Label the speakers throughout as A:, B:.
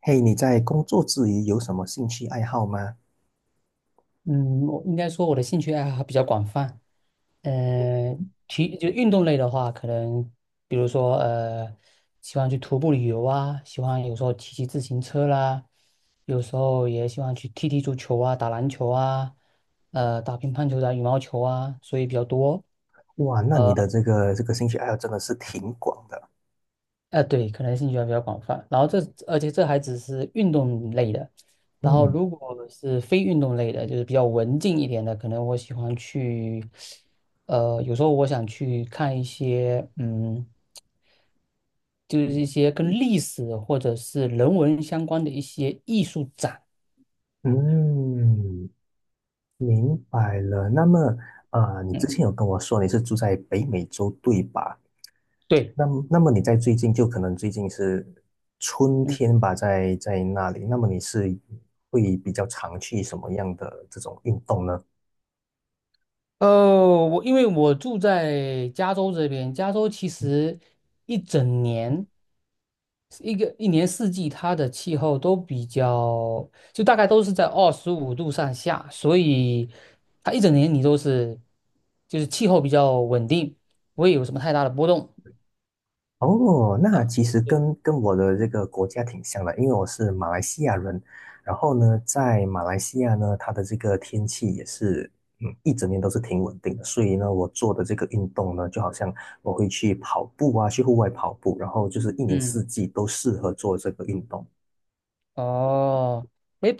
A: 嘿，你在工作之余有什么兴趣爱好吗？
B: 嗯，我应该说我的兴趣爱好还比较广泛。呃，体就运动类的话，可能比如说喜欢去徒步旅游啊，喜欢有时候骑骑自行车啦，有时候也喜欢去踢踢足球啊，打篮球啊，打乒乓球、打羽毛球啊，所以比较多。
A: 哇，那你
B: 呃
A: 的这个兴趣爱好真的是挺广的。
B: 对，可能兴趣还比较广泛。然后这，而且这还只是运动类的。然后，
A: 嗯
B: 如果是非运动类的，就是比较文静一点的，可能我喜欢去，有时候我想去看一些，就是一些跟历史或者是人文相关的一些艺术展。
A: 嗯，明白了。那么，啊，你之
B: 嗯，
A: 前有跟我说你是住在北美洲，对吧？
B: 对。
A: 那么你在最近就可能最近是春
B: 嗯。
A: 天吧，在那里，那么你是会比较常去什么样的这种运动呢？
B: 呃，我因为我住在加州这边，加州其实一整年，一年四季，它的气候都比较，就大概都是在25度上下，所以它一整年你都是，就是气候比较稳定，不会有什么太大的波动。
A: 哦，那
B: 啊。
A: 其实
B: 对，
A: 跟我的这个国家挺像的，因为我是马来西亚人。然后呢，在马来西亚呢，它的这个天气也是，一整年都是挺稳定的。所以呢，我做的这个运动呢，就好像我会去跑步啊，去户外跑步，然后就是一年四
B: 嗯。
A: 季都适合做这个运动。
B: 哦，诶，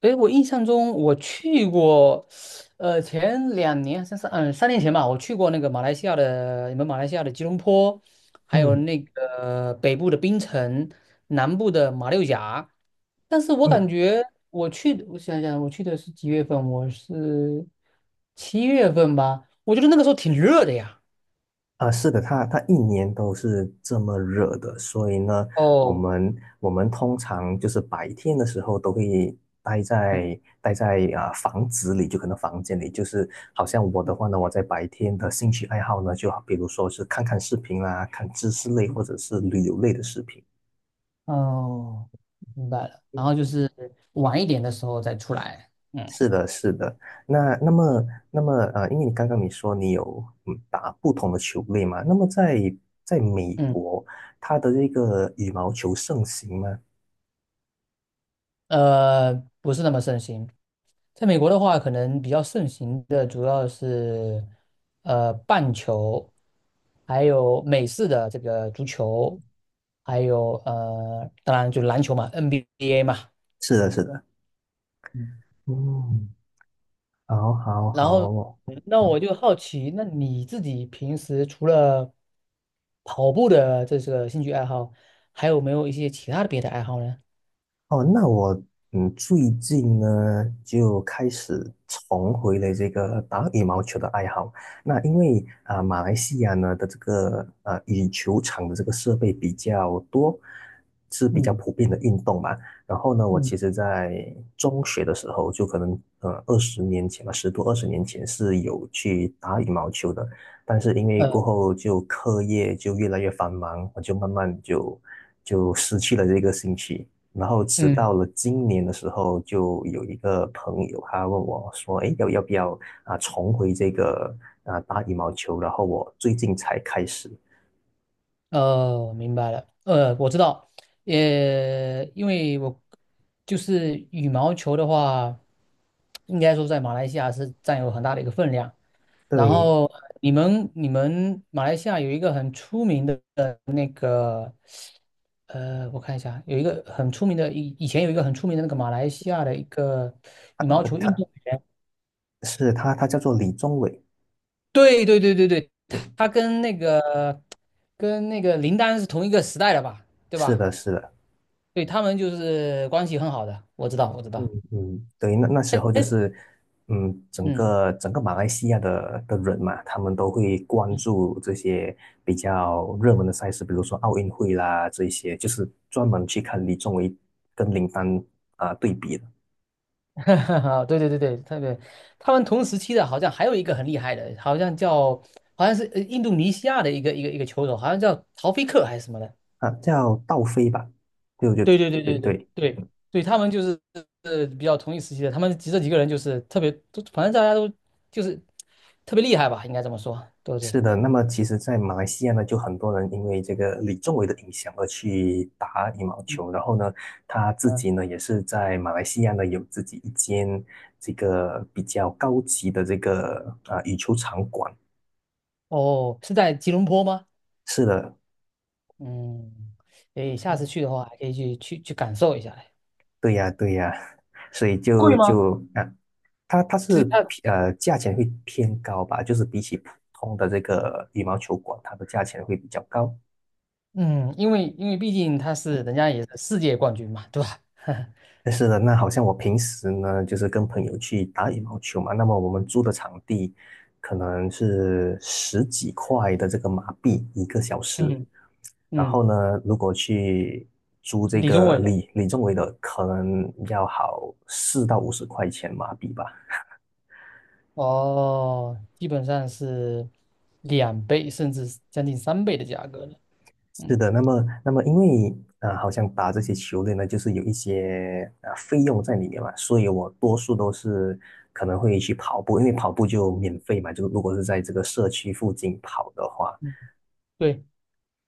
B: 哎，我印象中我去过，前两年，3年前吧，我去过那个马来西亚的，你们马来西亚的吉隆坡，还有
A: 嗯
B: 那个北部的槟城，南部的马六甲。但是我感
A: 嗯，
B: 觉我去，我想想，我去的是几月份？我是7月份吧，我觉得那个时候挺热的呀。
A: 啊，是的，它一年都是这么热的，所以呢，我
B: 哦，
A: 们我们通常就是白天的时候都会待
B: 嗯
A: 在待在啊、房子里，就可能房间里，就是好像我的话
B: 嗯
A: 呢，我在白天的兴趣爱好呢，就比如说是看看视频啦，看知识类
B: 嗯
A: 或者是旅游类的视频。
B: 哦，明白了。然后就是晚一点的时候再出来。嗯。
A: 是的，是的。那那
B: 嗯，
A: 么那么呃，因为你刚刚你说你有打不同的球类嘛，那么在美
B: 嗯
A: 国，它的这个羽毛球盛行吗？
B: 呃，不是那么盛行。在美国的话，可能比较盛行的主要是棒球，还有美式的这个足球，还有当然就篮球嘛，NBA 嘛。
A: 是的，是的。
B: 嗯，
A: 嗯，好，好哦，
B: 然后
A: 好。
B: 那我就好奇，那你自己平时除了跑步的这个兴趣爱好，还有没有一些其他的别的爱好呢？
A: 哦，那我最近呢就开始重回了这个打羽毛球的爱好。那因为啊、马来西亚呢的这个羽球场的这个设备比较多，是比较
B: 嗯
A: 普遍的运动嘛。然后呢，我
B: 嗯，
A: 其实在中学的时候，就可能二十年前吧，十多二十年前是有去打羽毛球的，但是因为过
B: 呃，
A: 后就课业就越来越繁忙，我就慢慢就失去了这个兴趣。然后直到
B: 嗯。
A: 了今年的时候，就有一个朋友他问我说："哎，要不要啊重回这个啊打羽毛球？"然后我最近才开始。
B: 明白了。我知道，因为我就是羽毛球的话，应该说在马来西亚是占有很大的一个分量。然
A: 对，
B: 后你们马来西亚有一个很出名的，我看一下，有一个很出名的，以前有一个很出名的那个马来西亚的一个羽毛球运动
A: 他
B: 员。
A: 是他，他叫做李宗伟。
B: 对对对对对，
A: 嗯，
B: 他跟那个林丹是同一个时代的吧？对
A: 是
B: 吧？
A: 的，是的。
B: 对，他们就是关系很好的，我知道，我知
A: 嗯
B: 道，
A: 嗯，对，那时候就是，嗯，整
B: 嗯
A: 个整个马来西亚的人嘛，他们都会关
B: 嗯，
A: 注这些比较热门的赛事，比如说奥运会啦，这一些就是专门去看李宗伟跟林丹啊、对比的。
B: 对对对对，特别，他们同时期的好像还有一个很厉害的，好像叫，好像是印度尼西亚的一个球手，好像叫陶菲克还是什么的，
A: 啊，叫道飞吧，对，我觉得
B: 对对对
A: 对
B: 对对
A: 对，
B: 对对，他们就是比较同一时期的，他们几这几个人就是特别，都反正大家都就是特别厉害吧，应该这么说，对不
A: 是
B: 对？
A: 的。那么其实，在马来西亚呢，就很多人因为这个李宗伟的影响而去打羽毛球，然后呢，他自
B: 嗯，
A: 己呢也是在马来西亚呢有自己一间这个比较高级的这个啊、羽球场馆。
B: 哦，是在吉隆坡吗？
A: 是的，
B: 嗯，诶，下次
A: 嗯，
B: 去的话还可以去感受一下。
A: 对呀对呀，所以就啊，它
B: 其
A: 是
B: 实他。
A: 偏价钱会偏高吧，就是比起普通的这个羽毛球馆，它的价钱会比较高。
B: 嗯，因为毕竟他是人
A: 嗯
B: 家也是世界冠军嘛，对吧？
A: 但是呢，那好像我平时呢，就是跟朋友去打羽毛球嘛。那么我们租的场地可能是十几块的这个马币一个小时。
B: 嗯
A: 然后
B: 嗯，
A: 呢，如果去租这
B: 李宗
A: 个
B: 伟的
A: 李宗伟的，可能要好四到五十块钱马币吧。
B: 哦，基本上是2倍甚至是将近3倍的价格了。
A: 是
B: 嗯
A: 的，那么，因为啊，好像打这些球类呢，就是有一些费用在里面嘛，所以我多数都是可能会去跑步，因为跑步就免费嘛，就如果是在这个社区附近跑的话，
B: 嗯，对，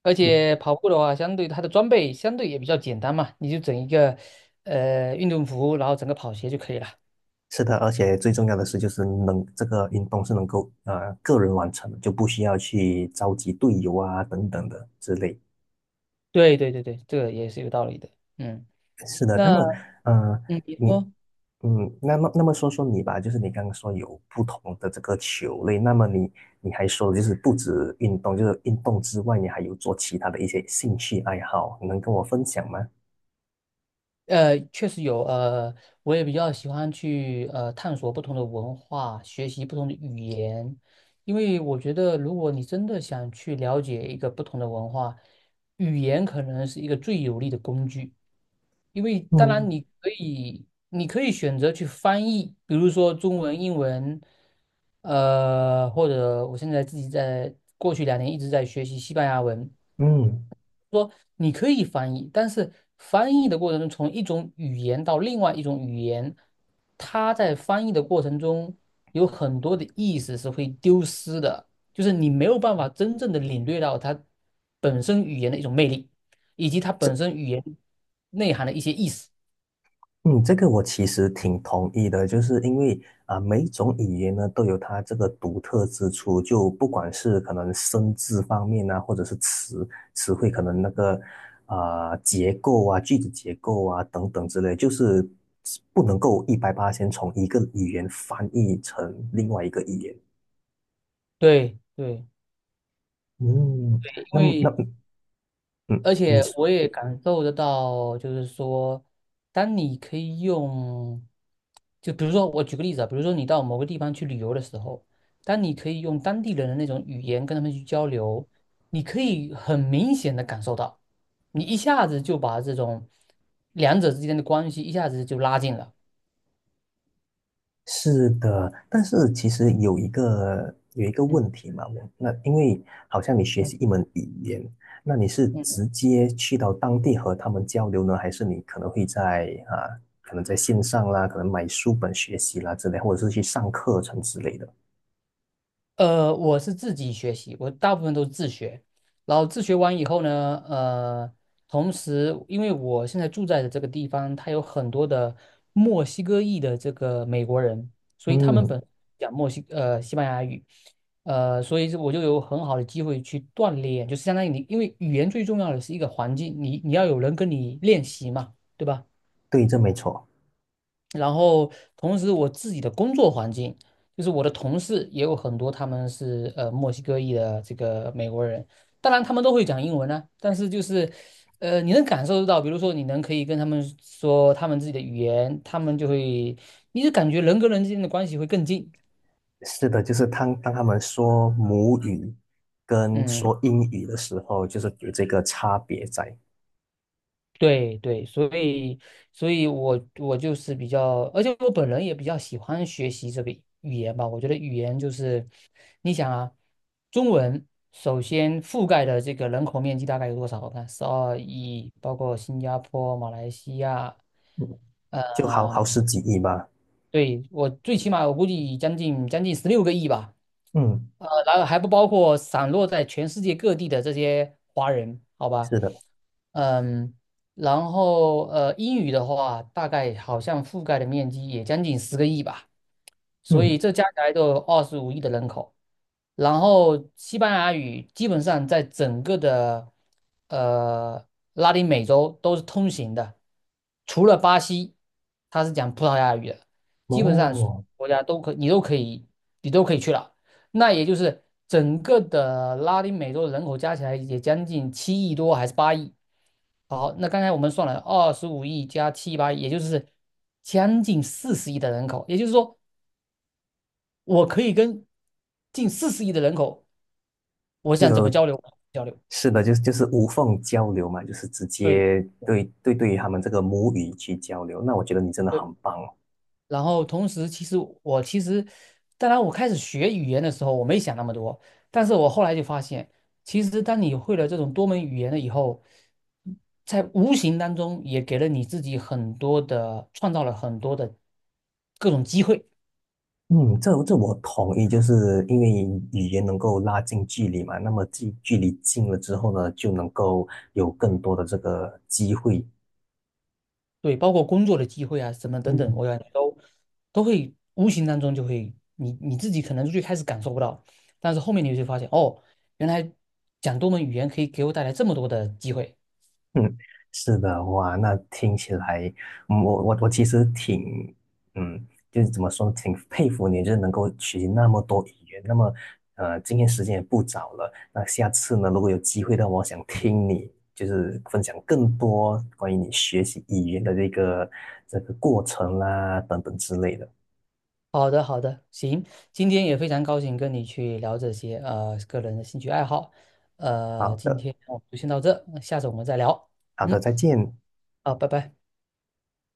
B: 而
A: 嗯，
B: 且跑步的话，相对它的装备相对也比较简单嘛，你就整一个运动服，然后整个跑鞋就可以了。
A: 是的，而且最重要的是就是能这个运动是能够个人完成的，就不需要去召集队友啊等等的之类。
B: 对对对对，这个也是有道理的。嗯，
A: 是的，那
B: 那
A: 么嗯，
B: 嗯，你
A: 你
B: 说。
A: 嗯，那么说说你吧，就是你刚刚说有不同的这个球类，那么你还说就是不止运动，就是运动之外，你还有做其他的一些兴趣爱好，你能跟我分享吗？
B: 确实有，我也比较喜欢去探索不同的文化，学习不同的语言，因为我觉得如果你真的想去了解一个不同的文化，语言可能是一个最有力的工具。因为当然
A: 嗯。
B: 你可以，你可以选择去翻译，比如说中文、英文，或者我现在自己在过去两年一直在学习西班牙文，
A: 嗯，
B: 说你可以翻译，但是翻译的过程中，从一种语言到另外一种语言，它在翻译的过程中有很多的意思是会丢失的，就是你没有办法真正的领略到它本身语言的一种魅力，以及它
A: 这
B: 本身语言内涵的一些意思。
A: 嗯，这个我其实挺同意的，就是因为啊、每一种语言呢都有它这个独特之处，就不管是可能生字方面啊，或者是词汇，可能那个啊、结构啊、句子结构啊等等之类，就是不能够一百八先从一个语言翻译成另外一个语言。
B: 对对
A: 嗯，
B: 对，因
A: 那么那
B: 为
A: 嗯，
B: 而
A: 你
B: 且
A: 说。
B: 我也感受得到，就是说，当你可以用，就比如说我举个例子啊，比如说你到某个地方去旅游的时候，当你可以用当地人的那种语言跟他们去交流，你可以很明显的感受到，你一下子就把这种两者之间的关系一下子就拉近了。
A: 是的，但是其实有一个问
B: 嗯
A: 题嘛，我那因为好像你学
B: 嗯
A: 习一门语言，那你是
B: 嗯。
A: 直接去到当地和他们交流呢，还是你可能会在啊，可能在线上啦，可能买书本学习啦之类，或者是去上课程之类的？
B: 我是自己学习，我大部分都是自学，然后自学完以后呢，同时因为我现在住在的这个地方，它有很多的墨西哥裔的这个美国人，所以他们
A: 嗯，
B: 本讲西班牙语，所以我就有很好的机会去锻炼，就是相当于你，因为语言最重要的是一个环境，你要有人跟你练习嘛，对吧？
A: 对，这没错。
B: 然后同时我自己的工作环境，就是我的同事也有很多他们是墨西哥裔的这个美国人，当然他们都会讲英文呢、但是就是你能感受得到，比如说你能可以跟他们说他们自己的语言，他们就会，你就感觉人跟人之间的关系会更近，
A: 是的，就是当他们说母语跟
B: 嗯。
A: 说英语的时候，就是有这个差别在，
B: 对对，所以我就是比较，而且我本人也比较喜欢学习这个语言吧。我觉得语言就是，你想啊，中文首先覆盖的这个人口面积大概有多少？我看12亿，包括新加坡、马来西亚，
A: 嗯，就好
B: 嗯、
A: 十几亿吧。
B: 对，我最起码我估计将近16个亿吧。
A: 嗯，
B: 然后还不包括散落在全世界各地的这些华人，好吧？
A: 是的。
B: 嗯，然后英语的话，大概好像覆盖的面积也将近10个亿吧，所以
A: 嗯。
B: 这加起来都有二十五亿的人口。然后西班牙语基本上在整个的呃拉丁美洲都是通行的，除了巴西，它是讲葡萄牙语的，基本上
A: 哦，
B: 国家你都可以去了。那也就是整个的拉丁美洲人口加起来也将近7亿多还是八亿。好，那刚才我们算了二十五亿加7、8亿，也就是将近四十亿的人口，也就是说，我可以跟近四十亿的人口。我想怎
A: 就
B: 么交流交流，
A: 是的，就是无缝交流嘛，就是直
B: 对
A: 接对于他们这个母语去交流。那我觉得你真的
B: 对。
A: 很棒哦。
B: 然后同时，其实我其实，当然我开始学语言的时候，我没想那么多，但是我后来就发现，其实当你会了这种多门语言了以后，在无形当中也给了你自己很多的，创造了很多的各种机会。
A: 嗯，这我同意，就是因为语言能够拉近距离嘛，那么距离近了之后呢，就能够有更多的这个机会。
B: 对，包括工作的机会啊，什么等等，我
A: 嗯，
B: 感觉都会无形当中就会，你自己可能最开始感受不到，但是后面你就会发现，哦，原来讲多门语言可以给我带来这么多的机会。
A: 嗯，是的，哇，那听起来，我其实挺，就是怎么说，挺佩服你，就是能够学习那么多语言。那么，今天时间也不早了，那下次呢，如果有机会的话，我想听你就是分享更多关于你学习语言的这个过程啦，等等之类的。
B: 好的，好的，行，今天也非常高兴跟你去聊这些个人的兴趣爱好，
A: 好
B: 今
A: 的，
B: 天我们就先到这，下次我们再聊，
A: 好的，
B: 嗯，
A: 再见。
B: 好，拜拜。